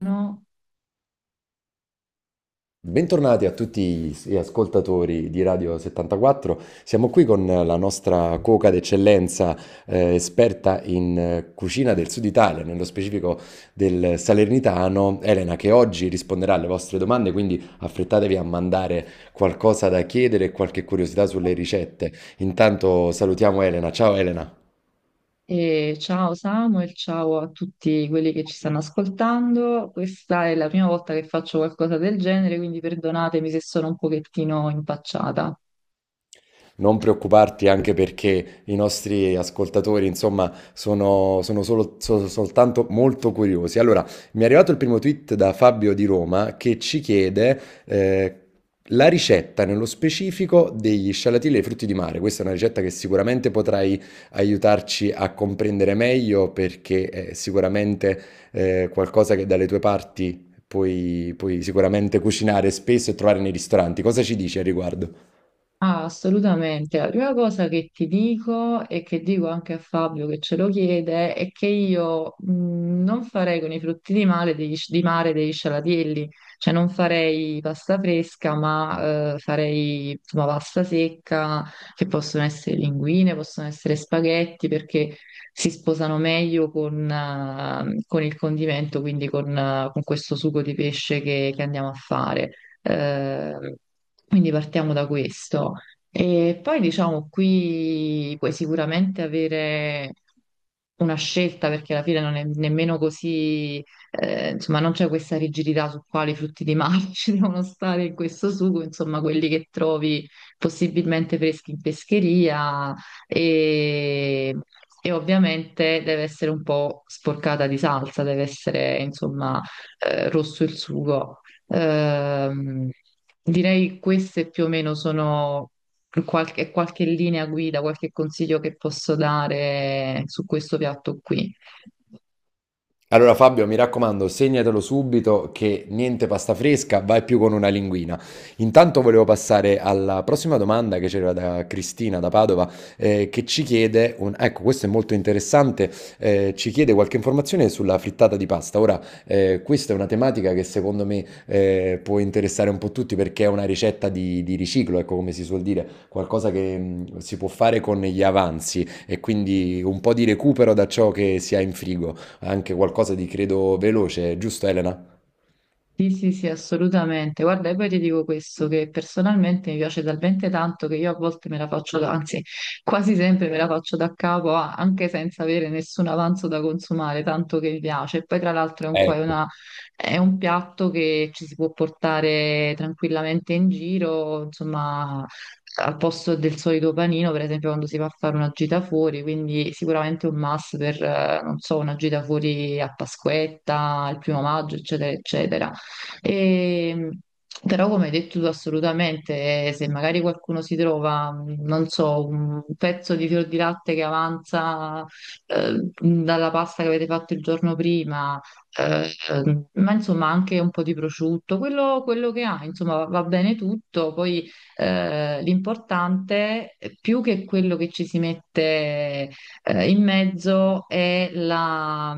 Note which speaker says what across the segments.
Speaker 1: No.
Speaker 2: Bentornati a tutti gli ascoltatori di Radio 74. Siamo qui con la nostra cuoca d'eccellenza, esperta in cucina del Sud Italia, nello specifico del Salernitano, Elena, che oggi risponderà alle vostre domande, quindi affrettatevi a mandare qualcosa da chiedere e qualche curiosità sulle ricette. Intanto salutiamo Elena. Ciao Elena.
Speaker 1: E ciao Samuel, ciao a tutti quelli che ci stanno ascoltando. Questa è la prima volta che faccio qualcosa del genere, quindi perdonatemi se sono un pochettino impacciata.
Speaker 2: Non preoccuparti, anche perché i nostri ascoltatori, insomma, soltanto molto curiosi. Allora, mi è arrivato il primo tweet da Fabio di Roma che ci chiede eh, la ricetta nello specifico degli scialatielli e dei frutti di mare. Questa è una ricetta che sicuramente potrai aiutarci a comprendere meglio perché è sicuramente qualcosa che dalle tue parti puoi sicuramente cucinare spesso e trovare nei ristoranti. Cosa ci dici al riguardo?
Speaker 1: Ah, assolutamente. La prima cosa che ti dico e che dico anche a Fabio che ce lo chiede è che io non farei con i frutti di mare degli scialatielli, cioè non farei pasta fresca, ma farei insomma pasta secca, che possono essere linguine, possono essere spaghetti, perché si sposano meglio con il condimento, quindi con questo sugo di pesce che andiamo a fare. Eh, quindi partiamo da questo. E poi diciamo qui puoi sicuramente avere una scelta perché alla fine non è nemmeno così, insomma, non c'è questa rigidità su quali frutti di mare ci devono stare in questo sugo, insomma, quelli che trovi possibilmente freschi in pescheria e, e ovviamente deve essere un po' sporcata di salsa, deve essere, insomma, rosso il sugo. Ehm, Direi queste più o meno sono qualche linea guida, qualche consiglio che posso dare su questo piatto qui.
Speaker 2: Allora Fabio, mi raccomando, segnatelo subito che niente pasta fresca, vai più con una linguina. Intanto volevo passare alla prossima domanda che c'era da Cristina da Padova, che ci chiede, un- ecco, questo è molto interessante, ci chiede qualche informazione sulla frittata di pasta. Ora, questa è una tematica che secondo me può interessare un po' tutti perché è una ricetta di riciclo, ecco come si suol dire, qualcosa che si può fare con gli avanzi e quindi un po' di recupero da ciò che si ha in frigo, anche qualcosa di credo veloce, giusto Elena?
Speaker 1: Sì, sì, sì, assolutamente. Guarda, e poi ti dico questo, che personalmente mi piace talmente tanto che io a volte me la faccio, anzi, quasi sempre me la faccio da capo, anche senza avere nessun avanzo da consumare, tanto che mi piace. E poi tra l'altro è un, qua- è
Speaker 2: Ecco.
Speaker 1: una- è un piatto che ci si può portare tranquillamente in giro, insomma, al posto del solito panino, per esempio quando si va a fare una gita fuori, quindi sicuramente un must per, non so, una gita fuori a Pasquetta, il primo maggio, eccetera, eccetera. E, però, come hai detto tu, assolutamente, se magari qualcuno si trova, non so, un pezzo di fior di latte che avanza dalla pasta che avete fatto il giorno prima, ma insomma anche un po' di prosciutto, quello che ha, insomma, va bene tutto. Poi l'importante, più che quello che ci si mette. In mezzo è la,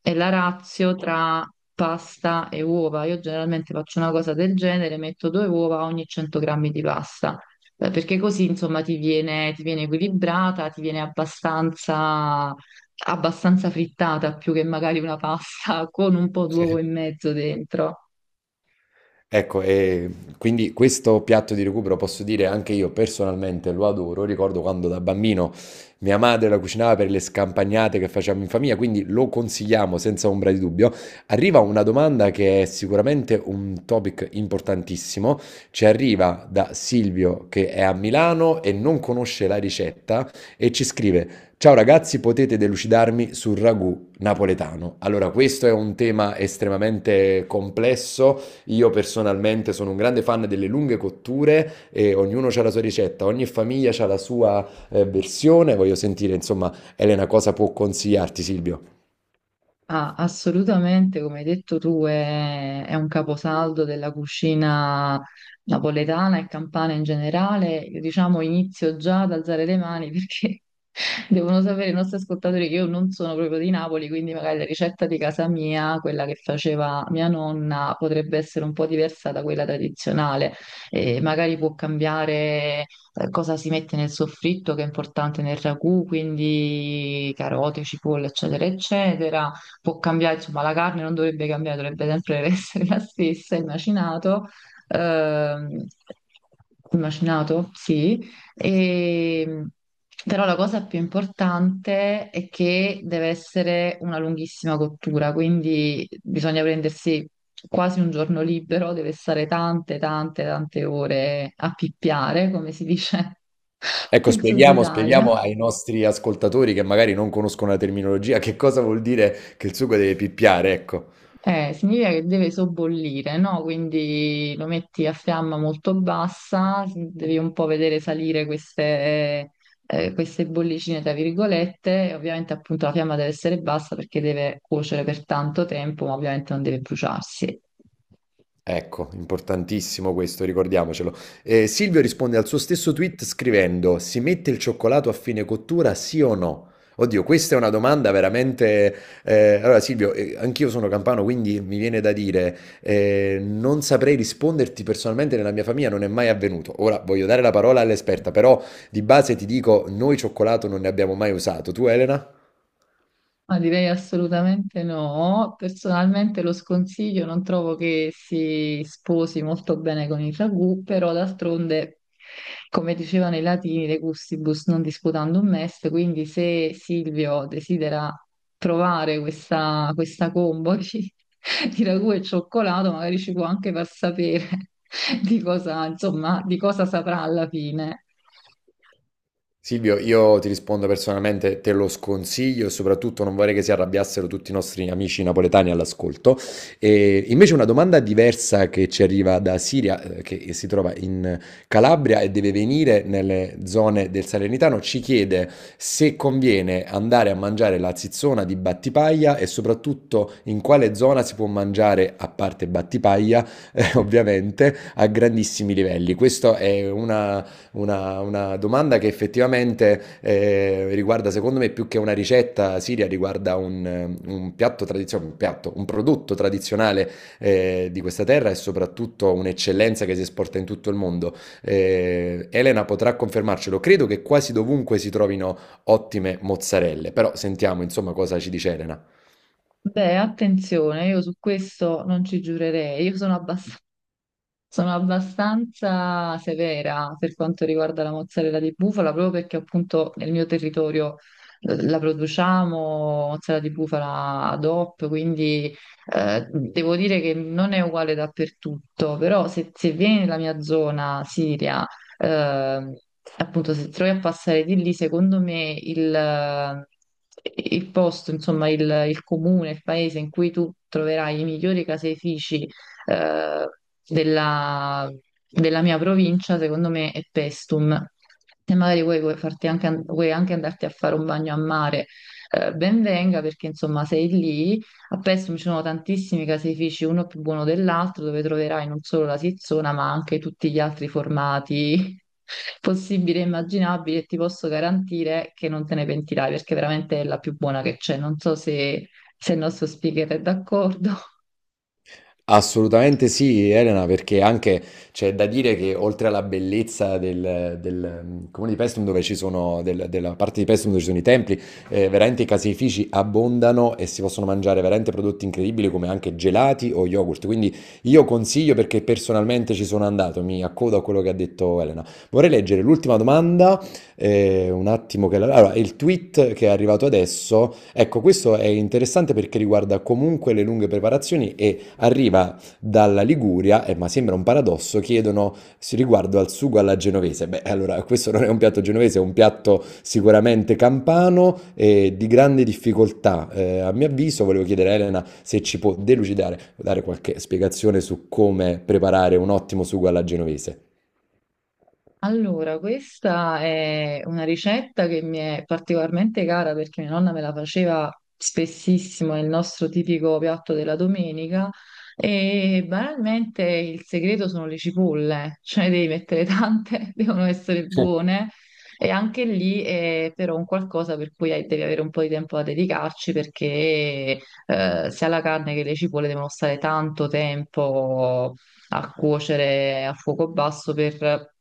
Speaker 1: è la ratio tra pasta e uova. Io generalmente faccio una cosa del genere, metto due uova ogni 100 grammi di pasta, perché così insomma ti viene equilibrata, ti viene abbastanza frittata, più che magari una pasta con un po' d'uovo in mezzo dentro.
Speaker 2: Ecco, e quindi questo piatto di recupero posso dire anche io personalmente lo adoro. Ricordo quando da bambino mia madre la cucinava per le scampagnate che facciamo in famiglia, quindi lo consigliamo senza ombra di dubbio. Arriva una domanda che è sicuramente un topic importantissimo. Ci arriva da Silvio che è a Milano e non conosce la ricetta e ci scrive: Ciao ragazzi, potete delucidarmi sul ragù napoletano? Allora, questo è un tema estremamente complesso, io personalmente sono un grande fan delle lunghe cotture e ognuno ha la sua ricetta, ogni famiglia ha la sua versione. Voglio sentire, insomma, Elena, cosa può consigliarti, Silvio?
Speaker 1: Ah, assolutamente, come hai detto tu, è un caposaldo della cucina napoletana e campana in generale. Io, diciamo, inizio già ad alzare le mani perché devono sapere i nostri ascoltatori che io non sono proprio di Napoli, quindi magari la ricetta di casa mia, quella che faceva mia nonna, potrebbe essere un po' diversa da quella tradizionale e magari può cambiare cosa si mette nel soffritto, che è importante nel ragù, quindi carote, cipolla, eccetera, eccetera può cambiare, insomma, la carne non dovrebbe cambiare, dovrebbe sempre essere la stessa, ehm, il macinato, sì, e, però la cosa più importante è che deve essere una lunghissima cottura, quindi bisogna prendersi quasi un giorno libero, deve stare tante, tante, tante ore a pippiare, come si dice
Speaker 2: Ecco,
Speaker 1: nel sud
Speaker 2: spieghiamo,
Speaker 1: Italia.
Speaker 2: spieghiamo ai nostri ascoltatori che magari non conoscono la terminologia, che cosa vuol dire che il sugo deve pippiare, ecco.
Speaker 1: Significa che deve sobbollire, no? Quindi lo metti a fiamma molto bassa, devi un po' vedere salire queste bollicine, tra virgolette, e ovviamente appunto la fiamma deve essere bassa perché deve cuocere per tanto tempo, ma ovviamente non deve bruciarsi.
Speaker 2: Ecco, importantissimo questo, ricordiamocelo. Silvio risponde al suo stesso tweet scrivendo: Si mette il cioccolato a fine cottura, sì o no? Oddio, questa è una domanda veramente. Allora, Silvio, anch'io sono campano, quindi mi viene da dire: non saprei risponderti personalmente, nella mia famiglia non è mai avvenuto. Ora voglio dare la parola all'esperta, però di base ti dico: noi cioccolato non ne abbiamo mai usato. Tu, Elena?
Speaker 1: Ma direi assolutamente no. Personalmente lo sconsiglio, non trovo che si sposi molto bene con il ragù, però d'altronde, come dicevano i latini, de gustibus non disputandum est, quindi se Silvio desidera provare questa combo di ragù e cioccolato, magari ci può anche far sapere insomma, di cosa saprà alla fine.
Speaker 2: Silvio, io ti rispondo personalmente, te lo sconsiglio, e soprattutto non vorrei che si arrabbiassero tutti i nostri amici napoletani all'ascolto. E invece una domanda diversa che ci arriva da Siria, che si trova in Calabria e deve venire nelle zone del Salernitano, ci chiede se conviene andare a mangiare la zizzona di Battipaglia e soprattutto in quale zona si può mangiare, a parte Battipaglia, ovviamente, a grandissimi livelli. Questa è una domanda che effettivamente riguarda, secondo me, più che una ricetta siria, riguarda un piatto tradizionale, un piatto, un prodotto tradizionale di questa terra e soprattutto un'eccellenza che si esporta in tutto il mondo. Elena potrà confermarcelo, credo che quasi dovunque si trovino ottime mozzarelle, però sentiamo insomma cosa ci dice Elena.
Speaker 1: Beh, attenzione, io su questo non ci giurerei. Io sono abbastanza Sono abbastanza severa per quanto riguarda la mozzarella di bufala, proprio perché appunto nel mio territorio la produciamo, mozzarella di bufala ad hoc, quindi devo dire che non è uguale dappertutto, però se vieni nella mia zona Siria, eh, appunto se trovi a passare di lì, secondo me il posto, insomma il comune, il paese in cui tu troverai i migliori caseifici eh, della, della mia provincia, secondo me, è Pestum. E magari vuoi anche andarti a fare un bagno a mare, ben venga perché insomma sei lì. A Pestum ci sono tantissimi caseifici, uno più buono dell'altro, dove troverai non solo la Sizzona, ma anche tutti gli altri formati possibili e immaginabili. E ti posso garantire che non te ne pentirai perché veramente è la più buona che c'è. Non so se il nostro speaker è d'accordo.
Speaker 2: Assolutamente sì, Elena, perché anche c'è da dire che oltre alla bellezza mm, comune di Paestum, dove ci sono, del- della parte di Paestum dove ci sono i templi, veramente i caseifici abbondano e si possono mangiare veramente prodotti incredibili come anche gelati o yogurt. Quindi io consiglio perché personalmente ci sono andato, mi accodo a quello che ha detto Elena. Vorrei leggere l'ultima domanda, un attimo che la... Allora, il tweet che è arrivato adesso, ecco, questo è interessante perché riguarda comunque le lunghe preparazioni e arriva dalla Liguria, e ma sembra un paradosso, chiedono s- riguardo al sugo alla genovese. Beh, allora, questo non è un piatto genovese, è un piatto sicuramente campano e di grande difficoltà. A mio avviso, volevo chiedere a Elena se ci può delucidare, dare qualche spiegazione su come preparare un ottimo sugo alla genovese.
Speaker 1: Allora, questa è una ricetta che mi è particolarmente cara perché mia nonna me la faceva spessissimo, è il nostro tipico piatto della domenica e banalmente il segreto sono le cipolle, cioè devi mettere tante, devono essere
Speaker 2: Eh,
Speaker 1: buone e anche lì è però un qualcosa per cui devi avere un po' di tempo da dedicarci perché sia la carne che le cipolle devono stare tanto tempo a cuocere a fuoco basso per,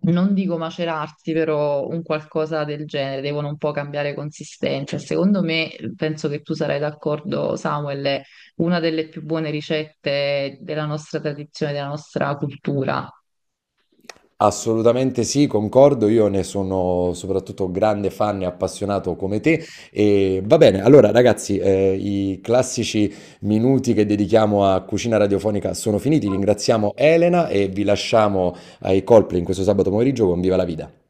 Speaker 1: non dico macerarsi, però un qualcosa del genere, devono un po' cambiare consistenza. Secondo me, penso che tu sarai d'accordo, Samuel, è una delle più buone ricette della nostra tradizione, della nostra cultura.
Speaker 2: Assolutamente sì, concordo, io ne sono soprattutto grande fan e appassionato come te. E va bene, allora ragazzi, i classici minuti che dedichiamo a cucina radiofonica sono finiti. Ringraziamo Elena e vi lasciamo ai colpi in questo sabato pomeriggio con Viva la Vita.